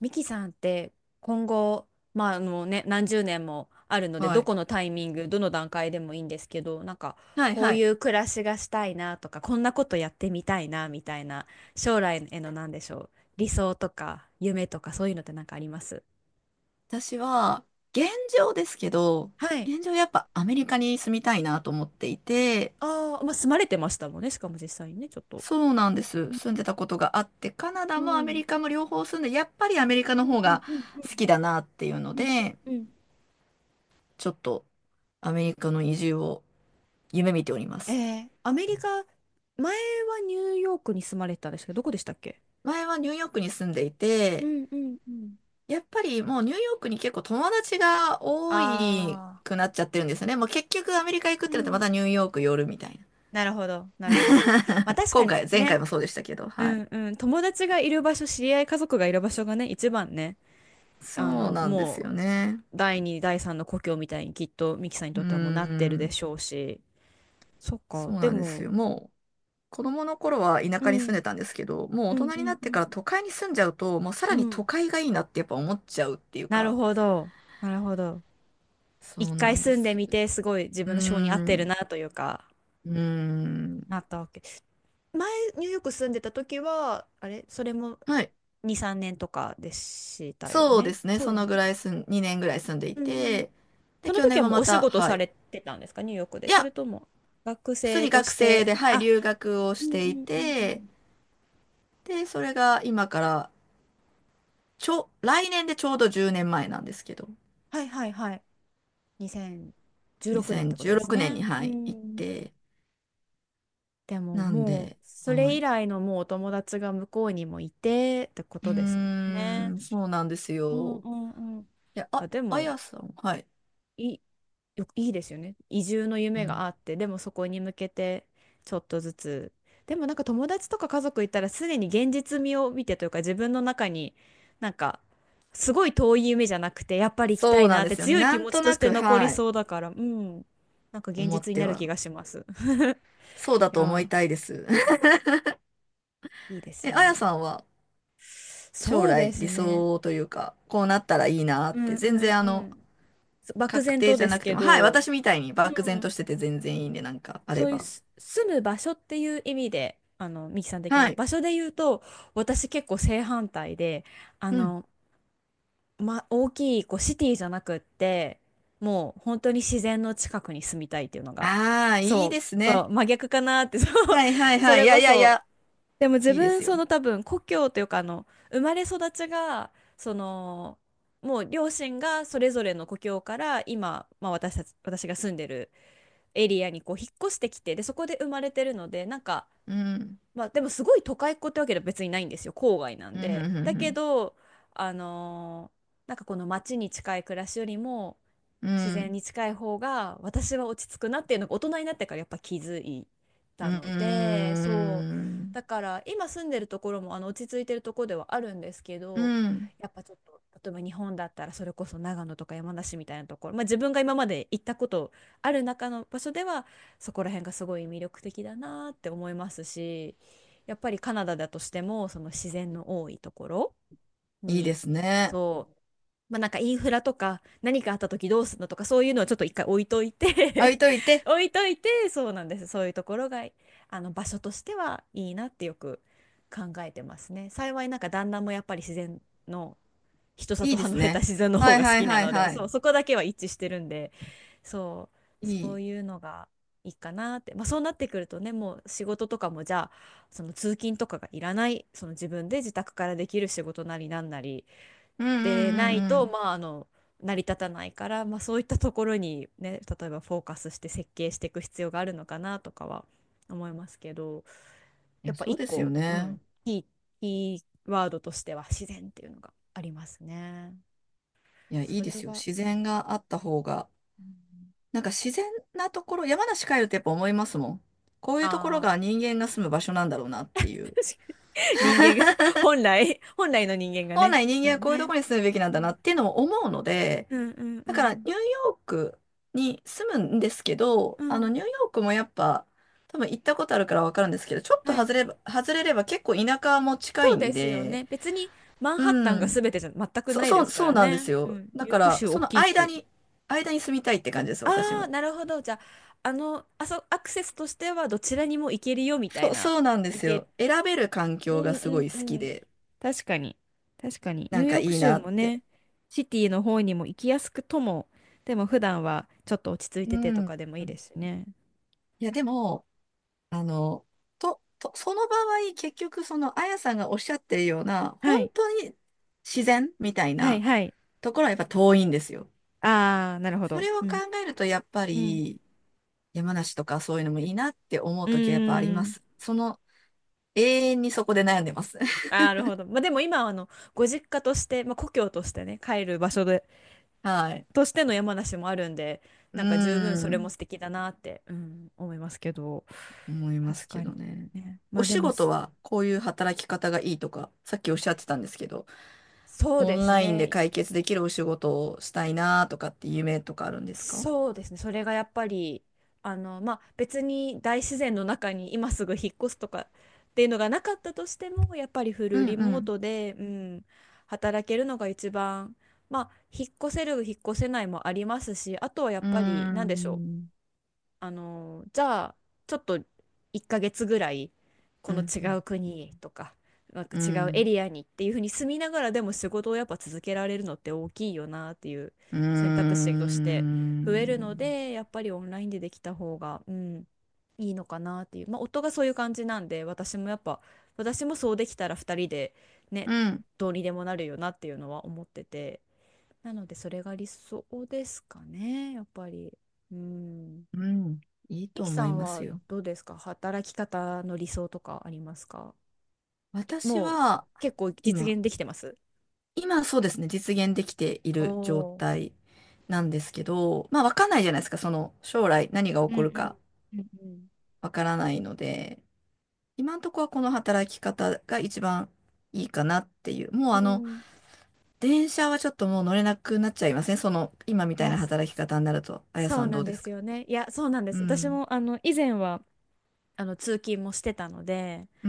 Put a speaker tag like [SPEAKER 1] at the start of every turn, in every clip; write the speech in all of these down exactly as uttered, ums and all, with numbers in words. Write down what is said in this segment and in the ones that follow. [SPEAKER 1] ミキさんって今後、まああのね、何十年もあるので、
[SPEAKER 2] は
[SPEAKER 1] ど
[SPEAKER 2] い。
[SPEAKER 1] このタイミング、どの段階でもいいんですけど、なんか
[SPEAKER 2] はい
[SPEAKER 1] こう
[SPEAKER 2] は
[SPEAKER 1] い
[SPEAKER 2] い。
[SPEAKER 1] う暮らしがしたいなとか、こんなことやってみたいなみたいな、将来への何でしょう、理想とか夢とかそういうのってなんかあります？
[SPEAKER 2] 私は、現状ですけど、
[SPEAKER 1] はい。
[SPEAKER 2] 現状やっぱアメリカに住みたいなと思っていて、
[SPEAKER 1] ああ、まあ住まれてましたもんね、しかも実際にね、ちょっと。
[SPEAKER 2] そうなんです。
[SPEAKER 1] うん。
[SPEAKER 2] 住んでたことがあって、カナ
[SPEAKER 1] う
[SPEAKER 2] ダもアメ
[SPEAKER 1] ん。
[SPEAKER 2] リカも両方住んで、やっぱりアメリカの
[SPEAKER 1] う
[SPEAKER 2] 方
[SPEAKER 1] ん
[SPEAKER 2] が
[SPEAKER 1] うん。
[SPEAKER 2] 好きだなっていうの
[SPEAKER 1] うんうん。
[SPEAKER 2] で、
[SPEAKER 1] うんうん。
[SPEAKER 2] ちょっとアメリカの移住を夢見ておりま
[SPEAKER 1] え
[SPEAKER 2] す。
[SPEAKER 1] ー、アメリカ、前はニューヨークに住まれてたんですけど、どこでしたっけ？
[SPEAKER 2] 前はニューヨークに住んでい
[SPEAKER 1] う
[SPEAKER 2] て、
[SPEAKER 1] んうんうん。
[SPEAKER 2] やっぱりもうニューヨークに結構友達が多い
[SPEAKER 1] あ
[SPEAKER 2] くなっちゃってるんですよね。もう結局アメリカ行くっ
[SPEAKER 1] あ、う
[SPEAKER 2] てなってま
[SPEAKER 1] ん。
[SPEAKER 2] たニューヨーク寄るみたいな。
[SPEAKER 1] なるほど、なるほど。まあ確か
[SPEAKER 2] 今
[SPEAKER 1] に
[SPEAKER 2] 回、前回
[SPEAKER 1] ね、
[SPEAKER 2] もそうでしたけど、は
[SPEAKER 1] う
[SPEAKER 2] い。
[SPEAKER 1] んうん、友達がいる場所、知り合い、家族がいる場所がね、一番ね、あ
[SPEAKER 2] そう
[SPEAKER 1] の、
[SPEAKER 2] なんです
[SPEAKER 1] も
[SPEAKER 2] よ
[SPEAKER 1] う、
[SPEAKER 2] ね。
[SPEAKER 1] 第二、第三の故郷みたいにきっとミキさんに
[SPEAKER 2] う
[SPEAKER 1] と
[SPEAKER 2] ー
[SPEAKER 1] ってはもうなってるで
[SPEAKER 2] ん、
[SPEAKER 1] しょうし、そっ
[SPEAKER 2] そう
[SPEAKER 1] か、で
[SPEAKER 2] なんです
[SPEAKER 1] も、
[SPEAKER 2] よ。もう、子供の頃は田
[SPEAKER 1] う
[SPEAKER 2] 舎に住ん
[SPEAKER 1] ん、
[SPEAKER 2] でたんですけど、もう大
[SPEAKER 1] うん
[SPEAKER 2] 人
[SPEAKER 1] う
[SPEAKER 2] にな
[SPEAKER 1] ん
[SPEAKER 2] っ
[SPEAKER 1] う
[SPEAKER 2] てから
[SPEAKER 1] ん、
[SPEAKER 2] 都会に住んじゃうと、もうさら
[SPEAKER 1] う
[SPEAKER 2] に都
[SPEAKER 1] ん、
[SPEAKER 2] 会がいいなってやっぱ思っちゃうっていう
[SPEAKER 1] なる
[SPEAKER 2] か、
[SPEAKER 1] ほど、なるほど。
[SPEAKER 2] そ
[SPEAKER 1] 一
[SPEAKER 2] うな
[SPEAKER 1] 回
[SPEAKER 2] んで
[SPEAKER 1] 住んで
[SPEAKER 2] す。
[SPEAKER 1] みて、すごい自
[SPEAKER 2] う
[SPEAKER 1] 分の性に合っ
[SPEAKER 2] ー
[SPEAKER 1] てる
[SPEAKER 2] ん、
[SPEAKER 1] なというか、
[SPEAKER 2] うーん。
[SPEAKER 1] なったわけ。前、ニューヨーク住んでた時は、あれ、それも
[SPEAKER 2] はい。
[SPEAKER 1] に、さんねんとかでしたよ
[SPEAKER 2] そうで
[SPEAKER 1] ね。
[SPEAKER 2] すね。
[SPEAKER 1] そう
[SPEAKER 2] そ
[SPEAKER 1] です
[SPEAKER 2] の
[SPEAKER 1] ね。
[SPEAKER 2] ぐらい住ん、にねんぐらい住んでい
[SPEAKER 1] うんうん。
[SPEAKER 2] て、で、
[SPEAKER 1] その
[SPEAKER 2] 去
[SPEAKER 1] 時
[SPEAKER 2] 年
[SPEAKER 1] は
[SPEAKER 2] も
[SPEAKER 1] もう
[SPEAKER 2] ま
[SPEAKER 1] お仕
[SPEAKER 2] た、
[SPEAKER 1] 事
[SPEAKER 2] は
[SPEAKER 1] さ
[SPEAKER 2] い。
[SPEAKER 1] れてたんですか、ニューヨークで。
[SPEAKER 2] い
[SPEAKER 1] そ
[SPEAKER 2] や、
[SPEAKER 1] れとも学
[SPEAKER 2] 普通
[SPEAKER 1] 生
[SPEAKER 2] に
[SPEAKER 1] と
[SPEAKER 2] 学
[SPEAKER 1] し
[SPEAKER 2] 生
[SPEAKER 1] て、
[SPEAKER 2] で、はい、
[SPEAKER 1] あ、
[SPEAKER 2] 留学を
[SPEAKER 1] う
[SPEAKER 2] し
[SPEAKER 1] んうん
[SPEAKER 2] てい
[SPEAKER 1] うんう
[SPEAKER 2] て、
[SPEAKER 1] ん。
[SPEAKER 2] で、それが今から、ちょ、来年でちょうどじゅうねんまえなんですけど、
[SPEAKER 1] はいはいはい。にせんじゅうろくねんってこと
[SPEAKER 2] 2016
[SPEAKER 1] です
[SPEAKER 2] 年に、
[SPEAKER 1] ね。う
[SPEAKER 2] はい、行っ
[SPEAKER 1] ん。
[SPEAKER 2] て、
[SPEAKER 1] でも
[SPEAKER 2] なん
[SPEAKER 1] もう、
[SPEAKER 2] で、
[SPEAKER 1] そ
[SPEAKER 2] は
[SPEAKER 1] れ以
[SPEAKER 2] い。
[SPEAKER 1] 来のもうお友達が向こうにもいてってこ
[SPEAKER 2] う
[SPEAKER 1] とですもん
[SPEAKER 2] ー
[SPEAKER 1] ね。
[SPEAKER 2] ん、そうなんです
[SPEAKER 1] うん
[SPEAKER 2] よ。
[SPEAKER 1] うんうん。
[SPEAKER 2] いや、
[SPEAKER 1] あ、
[SPEAKER 2] あ、
[SPEAKER 1] で
[SPEAKER 2] あ
[SPEAKER 1] も、
[SPEAKER 2] やさん、はい。
[SPEAKER 1] いい、よいいですよね。移住の
[SPEAKER 2] う
[SPEAKER 1] 夢が
[SPEAKER 2] ん。
[SPEAKER 1] あって、でもそこに向けてちょっとずつ。でもなんか友達とか家族いたらすでに現実味を見てというか自分の中になんかすごい遠い夢じゃなくてやっぱり行きた
[SPEAKER 2] そ
[SPEAKER 1] い
[SPEAKER 2] うな
[SPEAKER 1] な
[SPEAKER 2] ん
[SPEAKER 1] っ
[SPEAKER 2] で
[SPEAKER 1] て
[SPEAKER 2] すよね。
[SPEAKER 1] 強い
[SPEAKER 2] な
[SPEAKER 1] 気
[SPEAKER 2] ん
[SPEAKER 1] 持ち
[SPEAKER 2] と
[SPEAKER 1] とし
[SPEAKER 2] な
[SPEAKER 1] て
[SPEAKER 2] く、
[SPEAKER 1] 残り
[SPEAKER 2] はい、
[SPEAKER 1] そうだから、うん。なんか現
[SPEAKER 2] 思っ
[SPEAKER 1] 実に
[SPEAKER 2] て
[SPEAKER 1] なる気
[SPEAKER 2] は、
[SPEAKER 1] がします。
[SPEAKER 2] そうだ
[SPEAKER 1] い
[SPEAKER 2] と思い
[SPEAKER 1] や
[SPEAKER 2] たいです。
[SPEAKER 1] ー、いいです
[SPEAKER 2] え、あや
[SPEAKER 1] ね。
[SPEAKER 2] さんは、将
[SPEAKER 1] そうで
[SPEAKER 2] 来、
[SPEAKER 1] す
[SPEAKER 2] 理想
[SPEAKER 1] ね。
[SPEAKER 2] というか、こうなったらいいなっ
[SPEAKER 1] うん
[SPEAKER 2] て、
[SPEAKER 1] う
[SPEAKER 2] 全
[SPEAKER 1] ん
[SPEAKER 2] 然、あ
[SPEAKER 1] う
[SPEAKER 2] の、
[SPEAKER 1] ん。漠
[SPEAKER 2] 確
[SPEAKER 1] 然
[SPEAKER 2] 定
[SPEAKER 1] と
[SPEAKER 2] じゃ
[SPEAKER 1] です
[SPEAKER 2] なくて
[SPEAKER 1] け
[SPEAKER 2] も、はい、
[SPEAKER 1] ど、
[SPEAKER 2] 私みたいに
[SPEAKER 1] う
[SPEAKER 2] 漠然と
[SPEAKER 1] ん。
[SPEAKER 2] してて全然いいんで、なんか、あれ
[SPEAKER 1] そういう
[SPEAKER 2] ば。
[SPEAKER 1] す住む場所っていう意味で、あの、ミキさん的
[SPEAKER 2] は
[SPEAKER 1] な
[SPEAKER 2] い。
[SPEAKER 1] 場所で言うと、私結構正反対で、あ
[SPEAKER 2] うん。
[SPEAKER 1] の、ま、大きいこうシティじゃなくって、もう本当に自然の近くに住みたいっていうのが、
[SPEAKER 2] ああ、いい
[SPEAKER 1] そう、
[SPEAKER 2] です
[SPEAKER 1] そ
[SPEAKER 2] ね。
[SPEAKER 1] う、真逆かなって、そう、
[SPEAKER 2] はいはい
[SPEAKER 1] そ
[SPEAKER 2] はい。い
[SPEAKER 1] れ
[SPEAKER 2] や
[SPEAKER 1] こ
[SPEAKER 2] いやい
[SPEAKER 1] そ、
[SPEAKER 2] や、
[SPEAKER 1] でも自
[SPEAKER 2] いいで
[SPEAKER 1] 分、
[SPEAKER 2] す
[SPEAKER 1] そ
[SPEAKER 2] よ。
[SPEAKER 1] の多分、故郷というか、あの、生まれ育ちが、その、もう両親がそれぞれの故郷から今、まあ、私たち、私が住んでるエリアにこう引っ越してきて、でそこで生まれてるので、なんか、
[SPEAKER 2] うん。
[SPEAKER 1] まあ、でもすごい都会っ子ってわけでは別にないんですよ、郊外な
[SPEAKER 2] う
[SPEAKER 1] ん
[SPEAKER 2] ん、う
[SPEAKER 1] で。だけ
[SPEAKER 2] ん、
[SPEAKER 1] どあのーなんかこの街に近い暮らしよりも
[SPEAKER 2] うん、
[SPEAKER 1] 自
[SPEAKER 2] う
[SPEAKER 1] 然
[SPEAKER 2] ん。
[SPEAKER 1] に近い方が私は落ち着くなっていうのが大人になってからやっぱ気づい
[SPEAKER 2] う
[SPEAKER 1] た
[SPEAKER 2] ん、
[SPEAKER 1] ので、そ
[SPEAKER 2] う
[SPEAKER 1] う。
[SPEAKER 2] ん、
[SPEAKER 1] だから今住んでるところもあの落ち着いてるところではあるんですけ
[SPEAKER 2] う
[SPEAKER 1] ど、
[SPEAKER 2] ん。
[SPEAKER 1] やっぱちょっと例えば日本だったらそれこそ長野とか山梨みたいなところ、まあ、自分が今まで行ったことある中の場所ではそこら辺がすごい魅力的だなって思いますし、やっぱりカナダだとしてもその自然の多いところ
[SPEAKER 2] いいで
[SPEAKER 1] に、
[SPEAKER 2] すね。
[SPEAKER 1] そう、まあなんかインフラとか何かあった時どうするのとかそういうのをちょっと一回置いとい
[SPEAKER 2] 置い
[SPEAKER 1] て、
[SPEAKER 2] とい て、
[SPEAKER 1] 置いといて、そうなんです。そういうところが、あの場所としてはいいなってよく考えてますね。幸いなんか旦那もやっぱり自然の人
[SPEAKER 2] い
[SPEAKER 1] 里
[SPEAKER 2] いです
[SPEAKER 1] 離れた
[SPEAKER 2] ね。
[SPEAKER 1] 自然の方
[SPEAKER 2] はい
[SPEAKER 1] が好
[SPEAKER 2] はい
[SPEAKER 1] きな
[SPEAKER 2] はい
[SPEAKER 1] ので、
[SPEAKER 2] は
[SPEAKER 1] そ
[SPEAKER 2] い。
[SPEAKER 1] う、そこだけは一致してるんで、そう、
[SPEAKER 2] い
[SPEAKER 1] そう
[SPEAKER 2] い。
[SPEAKER 1] いうのがいいかなって。まあそうなってくるとね、もう仕事とかもじゃあ、その通勤とかがいらない、その自分で自宅からできる仕事なりなんなり
[SPEAKER 2] うん、う
[SPEAKER 1] でな
[SPEAKER 2] ん、う
[SPEAKER 1] い
[SPEAKER 2] ん、う
[SPEAKER 1] と、
[SPEAKER 2] ん。
[SPEAKER 1] まああの、成り立たないから、まあそういったところにね、例えばフォーカスして設計していく必要があるのかなとかは思いますけど、
[SPEAKER 2] い
[SPEAKER 1] や
[SPEAKER 2] や、
[SPEAKER 1] っぱ
[SPEAKER 2] そう
[SPEAKER 1] 一
[SPEAKER 2] ですよ
[SPEAKER 1] 個、う
[SPEAKER 2] ね。
[SPEAKER 1] ん、キー、キーワードとしては自然っていうのがありますね。
[SPEAKER 2] いや、いい
[SPEAKER 1] そ
[SPEAKER 2] で
[SPEAKER 1] れ
[SPEAKER 2] すよ。
[SPEAKER 1] は、
[SPEAKER 2] 自然があった方が。
[SPEAKER 1] うん。
[SPEAKER 2] なんか自然なところ、山梨帰るとやっぱ思いますもん。こういうとこ
[SPEAKER 1] あ
[SPEAKER 2] ろ
[SPEAKER 1] あ、
[SPEAKER 2] が人間が住む場所なんだろうなって
[SPEAKER 1] 確か
[SPEAKER 2] いう。
[SPEAKER 1] に。人間が、本来、本来の人間が
[SPEAKER 2] 本
[SPEAKER 1] ね。
[SPEAKER 2] 来人
[SPEAKER 1] そう
[SPEAKER 2] 間
[SPEAKER 1] だ
[SPEAKER 2] はこういうと
[SPEAKER 1] ね。
[SPEAKER 2] ころに住むべきな
[SPEAKER 1] う
[SPEAKER 2] んだな
[SPEAKER 1] ん
[SPEAKER 2] っていうのを思うので、
[SPEAKER 1] うんうんう
[SPEAKER 2] だからニュ
[SPEAKER 1] ん。
[SPEAKER 2] ーヨークに住むんですけど、
[SPEAKER 1] う
[SPEAKER 2] あの
[SPEAKER 1] ん。
[SPEAKER 2] ニューヨークもやっぱ多分行ったことあるからわかるんですけど、ちょっと
[SPEAKER 1] はい。
[SPEAKER 2] 外れば、外れれば結構田舎も近
[SPEAKER 1] そ
[SPEAKER 2] い
[SPEAKER 1] うで
[SPEAKER 2] ん
[SPEAKER 1] すよ
[SPEAKER 2] で、
[SPEAKER 1] ね。別にマン
[SPEAKER 2] う
[SPEAKER 1] ハッタンが
[SPEAKER 2] ん。
[SPEAKER 1] 全てじゃ全く
[SPEAKER 2] そ、
[SPEAKER 1] ない
[SPEAKER 2] そ
[SPEAKER 1] で
[SPEAKER 2] う、
[SPEAKER 1] すか
[SPEAKER 2] そう
[SPEAKER 1] ら
[SPEAKER 2] なんです
[SPEAKER 1] ね。う
[SPEAKER 2] よ。
[SPEAKER 1] ん。
[SPEAKER 2] だ
[SPEAKER 1] ニュー
[SPEAKER 2] か
[SPEAKER 1] ヨーク
[SPEAKER 2] ら
[SPEAKER 1] 州
[SPEAKER 2] そ
[SPEAKER 1] 大
[SPEAKER 2] の
[SPEAKER 1] きい
[SPEAKER 2] 間
[SPEAKER 1] し。
[SPEAKER 2] に、間に住みたいって感じです、私
[SPEAKER 1] ああ、
[SPEAKER 2] も。
[SPEAKER 1] なるほど。じゃあ、あの、あそ、アクセスとしてはどちらにも行けるよみた
[SPEAKER 2] そ
[SPEAKER 1] い
[SPEAKER 2] う、
[SPEAKER 1] な、
[SPEAKER 2] そうなんで
[SPEAKER 1] 行
[SPEAKER 2] す
[SPEAKER 1] け、
[SPEAKER 2] よ。選べる環
[SPEAKER 1] う
[SPEAKER 2] 境が
[SPEAKER 1] ん
[SPEAKER 2] すごい
[SPEAKER 1] うん
[SPEAKER 2] 好き
[SPEAKER 1] うん。
[SPEAKER 2] で、
[SPEAKER 1] 確かに。確かに。ニ
[SPEAKER 2] な
[SPEAKER 1] ュ
[SPEAKER 2] ん
[SPEAKER 1] ー
[SPEAKER 2] か
[SPEAKER 1] ヨー
[SPEAKER 2] い
[SPEAKER 1] ク
[SPEAKER 2] い
[SPEAKER 1] 州
[SPEAKER 2] なっ
[SPEAKER 1] も
[SPEAKER 2] て。
[SPEAKER 1] ね、シティの方にも行きやすくとも、でも普段はちょっと落ち着い
[SPEAKER 2] う
[SPEAKER 1] ててと
[SPEAKER 2] ん。
[SPEAKER 1] かでもいいですしね。
[SPEAKER 2] いや、でも、あの、と、と、その場合、結局、その、あやさんがおっしゃってるような、
[SPEAKER 1] は
[SPEAKER 2] 本
[SPEAKER 1] い。
[SPEAKER 2] 当に自然みたい
[SPEAKER 1] はい
[SPEAKER 2] な
[SPEAKER 1] はい。
[SPEAKER 2] ところはやっぱ遠いんですよ。
[SPEAKER 1] ああ、なるほ
[SPEAKER 2] そ
[SPEAKER 1] ど。
[SPEAKER 2] れを
[SPEAKER 1] う
[SPEAKER 2] 考
[SPEAKER 1] ん。
[SPEAKER 2] えると、やっぱ
[SPEAKER 1] うん。
[SPEAKER 2] り、山梨とかそういうのもいいなって思う
[SPEAKER 1] う
[SPEAKER 2] ときはやっぱあり
[SPEAKER 1] ー
[SPEAKER 2] ま
[SPEAKER 1] ん。
[SPEAKER 2] す。その、永遠にそこで悩んでます。
[SPEAKER 1] あ ー、なるほど。まあでも今はあの、ご実家として、まあ故郷としてね、帰る場所で、
[SPEAKER 2] はい。
[SPEAKER 1] としての山梨もあるんで、
[SPEAKER 2] うー
[SPEAKER 1] なんか十分それ
[SPEAKER 2] ん、
[SPEAKER 1] も素敵だなって、うん、思いますけど。
[SPEAKER 2] 思いま
[SPEAKER 1] 確
[SPEAKER 2] すけ
[SPEAKER 1] かに。
[SPEAKER 2] どね。
[SPEAKER 1] ね。ま
[SPEAKER 2] お
[SPEAKER 1] あで
[SPEAKER 2] 仕
[SPEAKER 1] も
[SPEAKER 2] 事
[SPEAKER 1] す、
[SPEAKER 2] はこういう働き方がいいとか、さっきおっしゃってたんですけど、
[SPEAKER 1] そう
[SPEAKER 2] オ
[SPEAKER 1] で
[SPEAKER 2] ン
[SPEAKER 1] す
[SPEAKER 2] ラインで
[SPEAKER 1] ね。
[SPEAKER 2] 解決できるお仕事をしたいなとかって夢とかあるんですか？
[SPEAKER 1] そうですね。それがやっぱり、あの、まあ、別に大自然の中に今すぐ引っ越すとかっていうのがなかったとしても、やっぱりフ
[SPEAKER 2] う
[SPEAKER 1] ル
[SPEAKER 2] んう
[SPEAKER 1] リモー
[SPEAKER 2] ん。
[SPEAKER 1] トで、うん、働けるのが一番、まあ、引っ越せる、引っ越せないもありますし、あとはやっ
[SPEAKER 2] うー
[SPEAKER 1] ぱり、なんでしょう。
[SPEAKER 2] ん、
[SPEAKER 1] あのじゃあちょっといっかげつぐらいこ
[SPEAKER 2] う
[SPEAKER 1] の
[SPEAKER 2] ん、
[SPEAKER 1] 違う国とか、なんか
[SPEAKER 2] う
[SPEAKER 1] 違うエ
[SPEAKER 2] ん、
[SPEAKER 1] リアにっていうふうに住みながらでも仕事をやっぱ続けられるのって大きいよなっていう
[SPEAKER 2] うー
[SPEAKER 1] 選択
[SPEAKER 2] ん、
[SPEAKER 1] 肢として増えるので、やっぱりオンラインでできた方が、うん、いいのかなっていう、まあ、夫がそういう感じなんで、私もやっぱ私もそうできたらふたりでね、
[SPEAKER 2] うん、
[SPEAKER 1] どうにでもなるよなっていうのは思ってて、なのでそれが理想ですかね、やっぱり。うん。
[SPEAKER 2] うんいい
[SPEAKER 1] ミ
[SPEAKER 2] と
[SPEAKER 1] キさ
[SPEAKER 2] 思い
[SPEAKER 1] ん
[SPEAKER 2] ます
[SPEAKER 1] は
[SPEAKER 2] よ。
[SPEAKER 1] どうですか？働き方の理想とかありますか？
[SPEAKER 2] 私
[SPEAKER 1] もう
[SPEAKER 2] は、
[SPEAKER 1] 結構実
[SPEAKER 2] 今、
[SPEAKER 1] 現できてます？
[SPEAKER 2] 今そうですね、実現できてい
[SPEAKER 1] お
[SPEAKER 2] る状
[SPEAKER 1] ー。
[SPEAKER 2] 態なんですけど、まあ、わかんないじゃないですか、その、将来何が起
[SPEAKER 1] うん
[SPEAKER 2] こるか
[SPEAKER 1] うんうん
[SPEAKER 2] わからないので、今のところはこの働き方が一番いいかなっていう。もう
[SPEAKER 1] う
[SPEAKER 2] あ
[SPEAKER 1] ん、
[SPEAKER 2] の、
[SPEAKER 1] うん。
[SPEAKER 2] 電車はちょっともう乗れなくなっちゃいますね、その、今み
[SPEAKER 1] い
[SPEAKER 2] たい
[SPEAKER 1] や、
[SPEAKER 2] な
[SPEAKER 1] そ
[SPEAKER 2] 働き方になると。あや
[SPEAKER 1] そ
[SPEAKER 2] さ
[SPEAKER 1] う
[SPEAKER 2] ん
[SPEAKER 1] な
[SPEAKER 2] ど
[SPEAKER 1] ん
[SPEAKER 2] うで
[SPEAKER 1] で
[SPEAKER 2] す
[SPEAKER 1] す
[SPEAKER 2] か？
[SPEAKER 1] よね。いや、そうなんで
[SPEAKER 2] う
[SPEAKER 1] す。私
[SPEAKER 2] ん。
[SPEAKER 1] もあの以前はあの通勤もしてたので、
[SPEAKER 2] う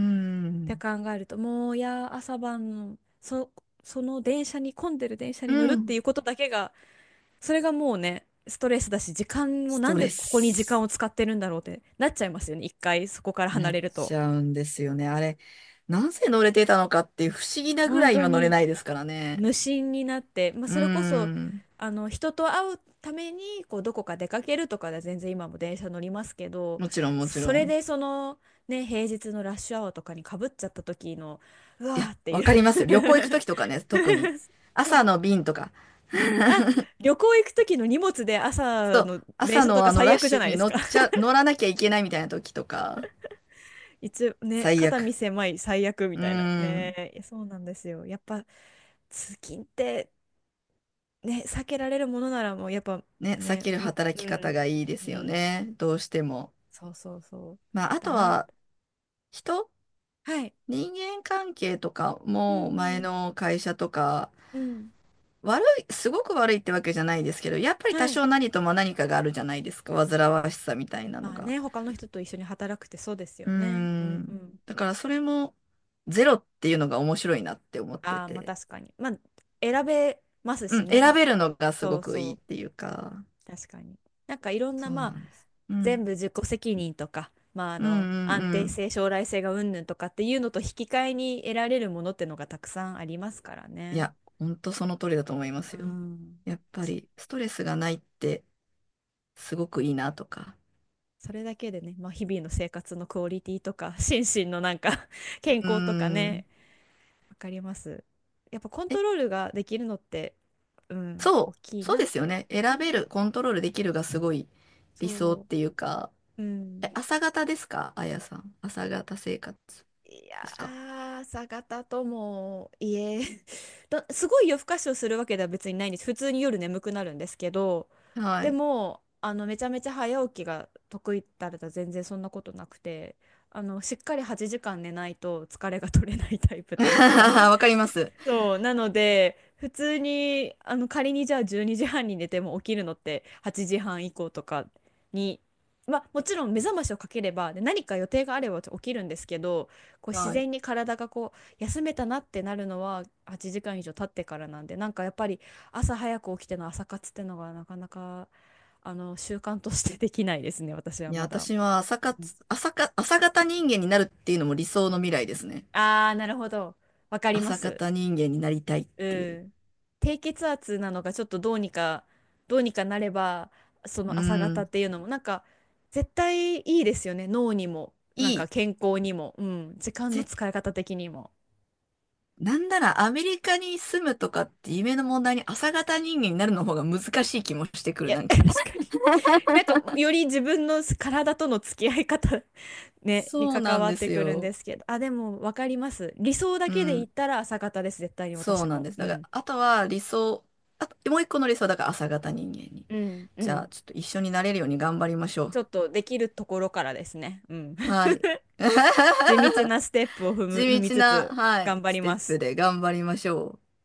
[SPEAKER 1] って
[SPEAKER 2] ん。
[SPEAKER 1] 考えると、もういや、朝晩のそ、その電車に、混んでる電車
[SPEAKER 2] う
[SPEAKER 1] に乗るっ
[SPEAKER 2] ん。
[SPEAKER 1] ていうことだけが、それがもうね、ストレスだし、時間も
[SPEAKER 2] ス
[SPEAKER 1] な
[SPEAKER 2] ト
[SPEAKER 1] んで
[SPEAKER 2] レ
[SPEAKER 1] ここに時間
[SPEAKER 2] ス
[SPEAKER 1] を使ってるんだろうってなっちゃいますよね。一回そこから
[SPEAKER 2] にな
[SPEAKER 1] 離
[SPEAKER 2] っ
[SPEAKER 1] れると。
[SPEAKER 2] ちゃうんですよね。あれ、なぜ乗れてたのかっていう不思議なぐ
[SPEAKER 1] 本
[SPEAKER 2] らい
[SPEAKER 1] 当
[SPEAKER 2] 今乗れな
[SPEAKER 1] に
[SPEAKER 2] いですからね。
[SPEAKER 1] 無心になって、まあ、
[SPEAKER 2] う
[SPEAKER 1] それこそ
[SPEAKER 2] ん。
[SPEAKER 1] あの人と会うためにこうどこか出かけるとかで全然今も電車乗りますけど、
[SPEAKER 2] もちろんもち
[SPEAKER 1] そ
[SPEAKER 2] ろ
[SPEAKER 1] れ
[SPEAKER 2] ん。
[SPEAKER 1] でその、ね、平日のラッシュアワーとかにかぶっちゃった時のうわ
[SPEAKER 2] い
[SPEAKER 1] ー
[SPEAKER 2] や、
[SPEAKER 1] ってい
[SPEAKER 2] わ
[SPEAKER 1] う。
[SPEAKER 2] かりますよ。旅行行くときとかね、特に。
[SPEAKER 1] そ
[SPEAKER 2] 朝
[SPEAKER 1] う。
[SPEAKER 2] の便とか。
[SPEAKER 1] あ、 旅行行く時の荷物で
[SPEAKER 2] そ
[SPEAKER 1] 朝
[SPEAKER 2] う。
[SPEAKER 1] の電
[SPEAKER 2] 朝
[SPEAKER 1] 車と
[SPEAKER 2] の
[SPEAKER 1] か
[SPEAKER 2] あの
[SPEAKER 1] 最
[SPEAKER 2] ラッ
[SPEAKER 1] 悪じ
[SPEAKER 2] シ
[SPEAKER 1] ゃ
[SPEAKER 2] ュ
[SPEAKER 1] ない
[SPEAKER 2] に
[SPEAKER 1] です
[SPEAKER 2] 乗
[SPEAKER 1] か。
[SPEAKER 2] っちゃ、乗らなきゃいけないみたいな時とか。
[SPEAKER 1] 一応ね、
[SPEAKER 2] 最
[SPEAKER 1] 肩身
[SPEAKER 2] 悪。
[SPEAKER 1] 狭い、最悪み
[SPEAKER 2] うー
[SPEAKER 1] たいな
[SPEAKER 2] ん。
[SPEAKER 1] ね。いやそうなんですよ、やっぱ通勤ってね、避けられるものならもうやっぱ
[SPEAKER 2] ね、避
[SPEAKER 1] ね、
[SPEAKER 2] ける
[SPEAKER 1] うん、
[SPEAKER 2] 働
[SPEAKER 1] う
[SPEAKER 2] き方
[SPEAKER 1] ん、
[SPEAKER 2] がいいで
[SPEAKER 1] う
[SPEAKER 2] すよ
[SPEAKER 1] ん、
[SPEAKER 2] ね。どうしても。
[SPEAKER 1] そうそうそう、
[SPEAKER 2] まあ、あ
[SPEAKER 1] だ
[SPEAKER 2] と
[SPEAKER 1] な。
[SPEAKER 2] は人
[SPEAKER 1] はい。
[SPEAKER 2] 人間関係とか
[SPEAKER 1] う
[SPEAKER 2] も前
[SPEAKER 1] ん、
[SPEAKER 2] の会社とか
[SPEAKER 1] うん、
[SPEAKER 2] 悪い、すごく悪いってわけじゃないですけど、やっぱり
[SPEAKER 1] は
[SPEAKER 2] 多
[SPEAKER 1] い。
[SPEAKER 2] 少何とも何かがあるじゃないですか。煩わしさみたいなの
[SPEAKER 1] まあ
[SPEAKER 2] が。
[SPEAKER 1] ね、他の人と一緒に働くってそうですよ
[SPEAKER 2] うー
[SPEAKER 1] ね。うんう
[SPEAKER 2] ん。
[SPEAKER 1] ん。
[SPEAKER 2] だからそれもゼロっていうのが面白いなって思って
[SPEAKER 1] ああ、まあ
[SPEAKER 2] て。
[SPEAKER 1] 確かに。まあ、選べます
[SPEAKER 2] う
[SPEAKER 1] し
[SPEAKER 2] ん。
[SPEAKER 1] ね。
[SPEAKER 2] 選
[SPEAKER 1] まあ、
[SPEAKER 2] べるのがす
[SPEAKER 1] そ
[SPEAKER 2] ご
[SPEAKER 1] う
[SPEAKER 2] く
[SPEAKER 1] そ
[SPEAKER 2] いいっ
[SPEAKER 1] う、
[SPEAKER 2] ていうか。
[SPEAKER 1] 確かに。なんかいろんな、
[SPEAKER 2] そう
[SPEAKER 1] ま
[SPEAKER 2] な
[SPEAKER 1] あ、
[SPEAKER 2] んです。う
[SPEAKER 1] 全
[SPEAKER 2] ん。
[SPEAKER 1] 部自己責任とか、まあ、あ
[SPEAKER 2] うんう
[SPEAKER 1] の、
[SPEAKER 2] ん
[SPEAKER 1] 安
[SPEAKER 2] う
[SPEAKER 1] 定
[SPEAKER 2] ん。
[SPEAKER 1] 性、将来性が云々とかっていうのと引き換えに得られるものってのがたくさんありますから
[SPEAKER 2] い
[SPEAKER 1] ね。
[SPEAKER 2] や、ほんとその通りだと思います
[SPEAKER 1] う
[SPEAKER 2] よ。
[SPEAKER 1] ん。なん
[SPEAKER 2] やっ
[SPEAKER 1] か
[SPEAKER 2] ぱ
[SPEAKER 1] そ
[SPEAKER 2] りストレスがないってすごくいいなとか。
[SPEAKER 1] それだけでね、まあ、日々の生活のクオリティとか、心身のなんか、 健
[SPEAKER 2] うー
[SPEAKER 1] 康とかね、
[SPEAKER 2] ん。
[SPEAKER 1] わかります。やっぱコントロールができるのって、うん、大
[SPEAKER 2] そ
[SPEAKER 1] き
[SPEAKER 2] う、
[SPEAKER 1] い
[SPEAKER 2] そう
[SPEAKER 1] なっ
[SPEAKER 2] ですよ
[SPEAKER 1] て。
[SPEAKER 2] ね。
[SPEAKER 1] う
[SPEAKER 2] 選べ
[SPEAKER 1] ん。
[SPEAKER 2] る、コントロールできるがすごい理想っ
[SPEAKER 1] そ
[SPEAKER 2] ていうか、
[SPEAKER 1] う、う
[SPEAKER 2] え、
[SPEAKER 1] ん。
[SPEAKER 2] 朝方ですかあやさん？朝方生活
[SPEAKER 1] いや
[SPEAKER 2] ですか？
[SPEAKER 1] ー、朝方ともいえ だ、すごい夜更かしをするわけでは別にないんです。普通に夜眠くなるんですけど、
[SPEAKER 2] は
[SPEAKER 1] で
[SPEAKER 2] い。
[SPEAKER 1] も、あの、めちゃめちゃ早起きが得意だったら全然そんなことなくて、あの、しっかりはちじかん寝ないと疲れが取れないタイプ というか、
[SPEAKER 2] わかります。
[SPEAKER 1] そう。なので、普通に、あの、仮にじゃあじゅうにじはんにじはんに寝ても起きるのってはちじはん以降とかに、まあ、もちろん目覚ましをかければ、で、何か予定があれば起きるんですけど、こう自
[SPEAKER 2] はい。
[SPEAKER 1] 然に体がこう、休めたなってなるのははちじかん以上経ってからなんで、なんかやっぱり朝早く起きての朝活ってのがなかなか、あの、習慣としてできないですね、私は
[SPEAKER 2] いや、
[SPEAKER 1] まだ。
[SPEAKER 2] 私は朝
[SPEAKER 1] うん。
[SPEAKER 2] 活、朝か、朝方人間になるっていうのも理想の未来ですね。
[SPEAKER 1] あー、なるほど。わかりま
[SPEAKER 2] 朝
[SPEAKER 1] す。
[SPEAKER 2] 方人間になりたいっ
[SPEAKER 1] う
[SPEAKER 2] ていう。
[SPEAKER 1] ん。低血圧なのがちょっとどうにかどうにかなれば、そ
[SPEAKER 2] う
[SPEAKER 1] の朝方っ
[SPEAKER 2] ん。
[SPEAKER 1] ていうのもなんか絶対いいですよね、脳にもなん
[SPEAKER 2] い
[SPEAKER 1] か
[SPEAKER 2] い。
[SPEAKER 1] 健康にも、うん、時間の
[SPEAKER 2] ぜ、
[SPEAKER 1] 使い方的にも。
[SPEAKER 2] なんならアメリカに住むとかって夢の問題に朝方人間になるの方が難しい気もしてく
[SPEAKER 1] い
[SPEAKER 2] る、
[SPEAKER 1] や、
[SPEAKER 2] な んか。
[SPEAKER 1] 確 かに、なんかより自分の体との付き合い方、ね、に
[SPEAKER 2] そうな
[SPEAKER 1] 関
[SPEAKER 2] ん
[SPEAKER 1] わっ
[SPEAKER 2] で
[SPEAKER 1] て
[SPEAKER 2] す
[SPEAKER 1] くるんで
[SPEAKER 2] よ。
[SPEAKER 1] すけど、あでも分かります、理想だ
[SPEAKER 2] う
[SPEAKER 1] けで言っ
[SPEAKER 2] ん。
[SPEAKER 1] たら朝方です、絶対に
[SPEAKER 2] そう
[SPEAKER 1] 私
[SPEAKER 2] なん
[SPEAKER 1] も、
[SPEAKER 2] です。
[SPEAKER 1] う
[SPEAKER 2] だから、
[SPEAKER 1] ん、
[SPEAKER 2] あとは理想、あと、もう一個の理想はだから朝型人間に。
[SPEAKER 1] うんう
[SPEAKER 2] じゃあ、
[SPEAKER 1] ん。
[SPEAKER 2] ちょっと一緒になれるように頑張りましょ
[SPEAKER 1] ち
[SPEAKER 2] う。
[SPEAKER 1] ょっとできるところからですね、うん。
[SPEAKER 2] はい。
[SPEAKER 1] 地道 なステップを踏む踏
[SPEAKER 2] 地
[SPEAKER 1] み
[SPEAKER 2] 道
[SPEAKER 1] つ
[SPEAKER 2] な、
[SPEAKER 1] つ、
[SPEAKER 2] は
[SPEAKER 1] 頑
[SPEAKER 2] い、
[SPEAKER 1] 張
[SPEAKER 2] ス
[SPEAKER 1] り
[SPEAKER 2] テ
[SPEAKER 1] ま
[SPEAKER 2] ップ
[SPEAKER 1] す。
[SPEAKER 2] で頑張りましょう。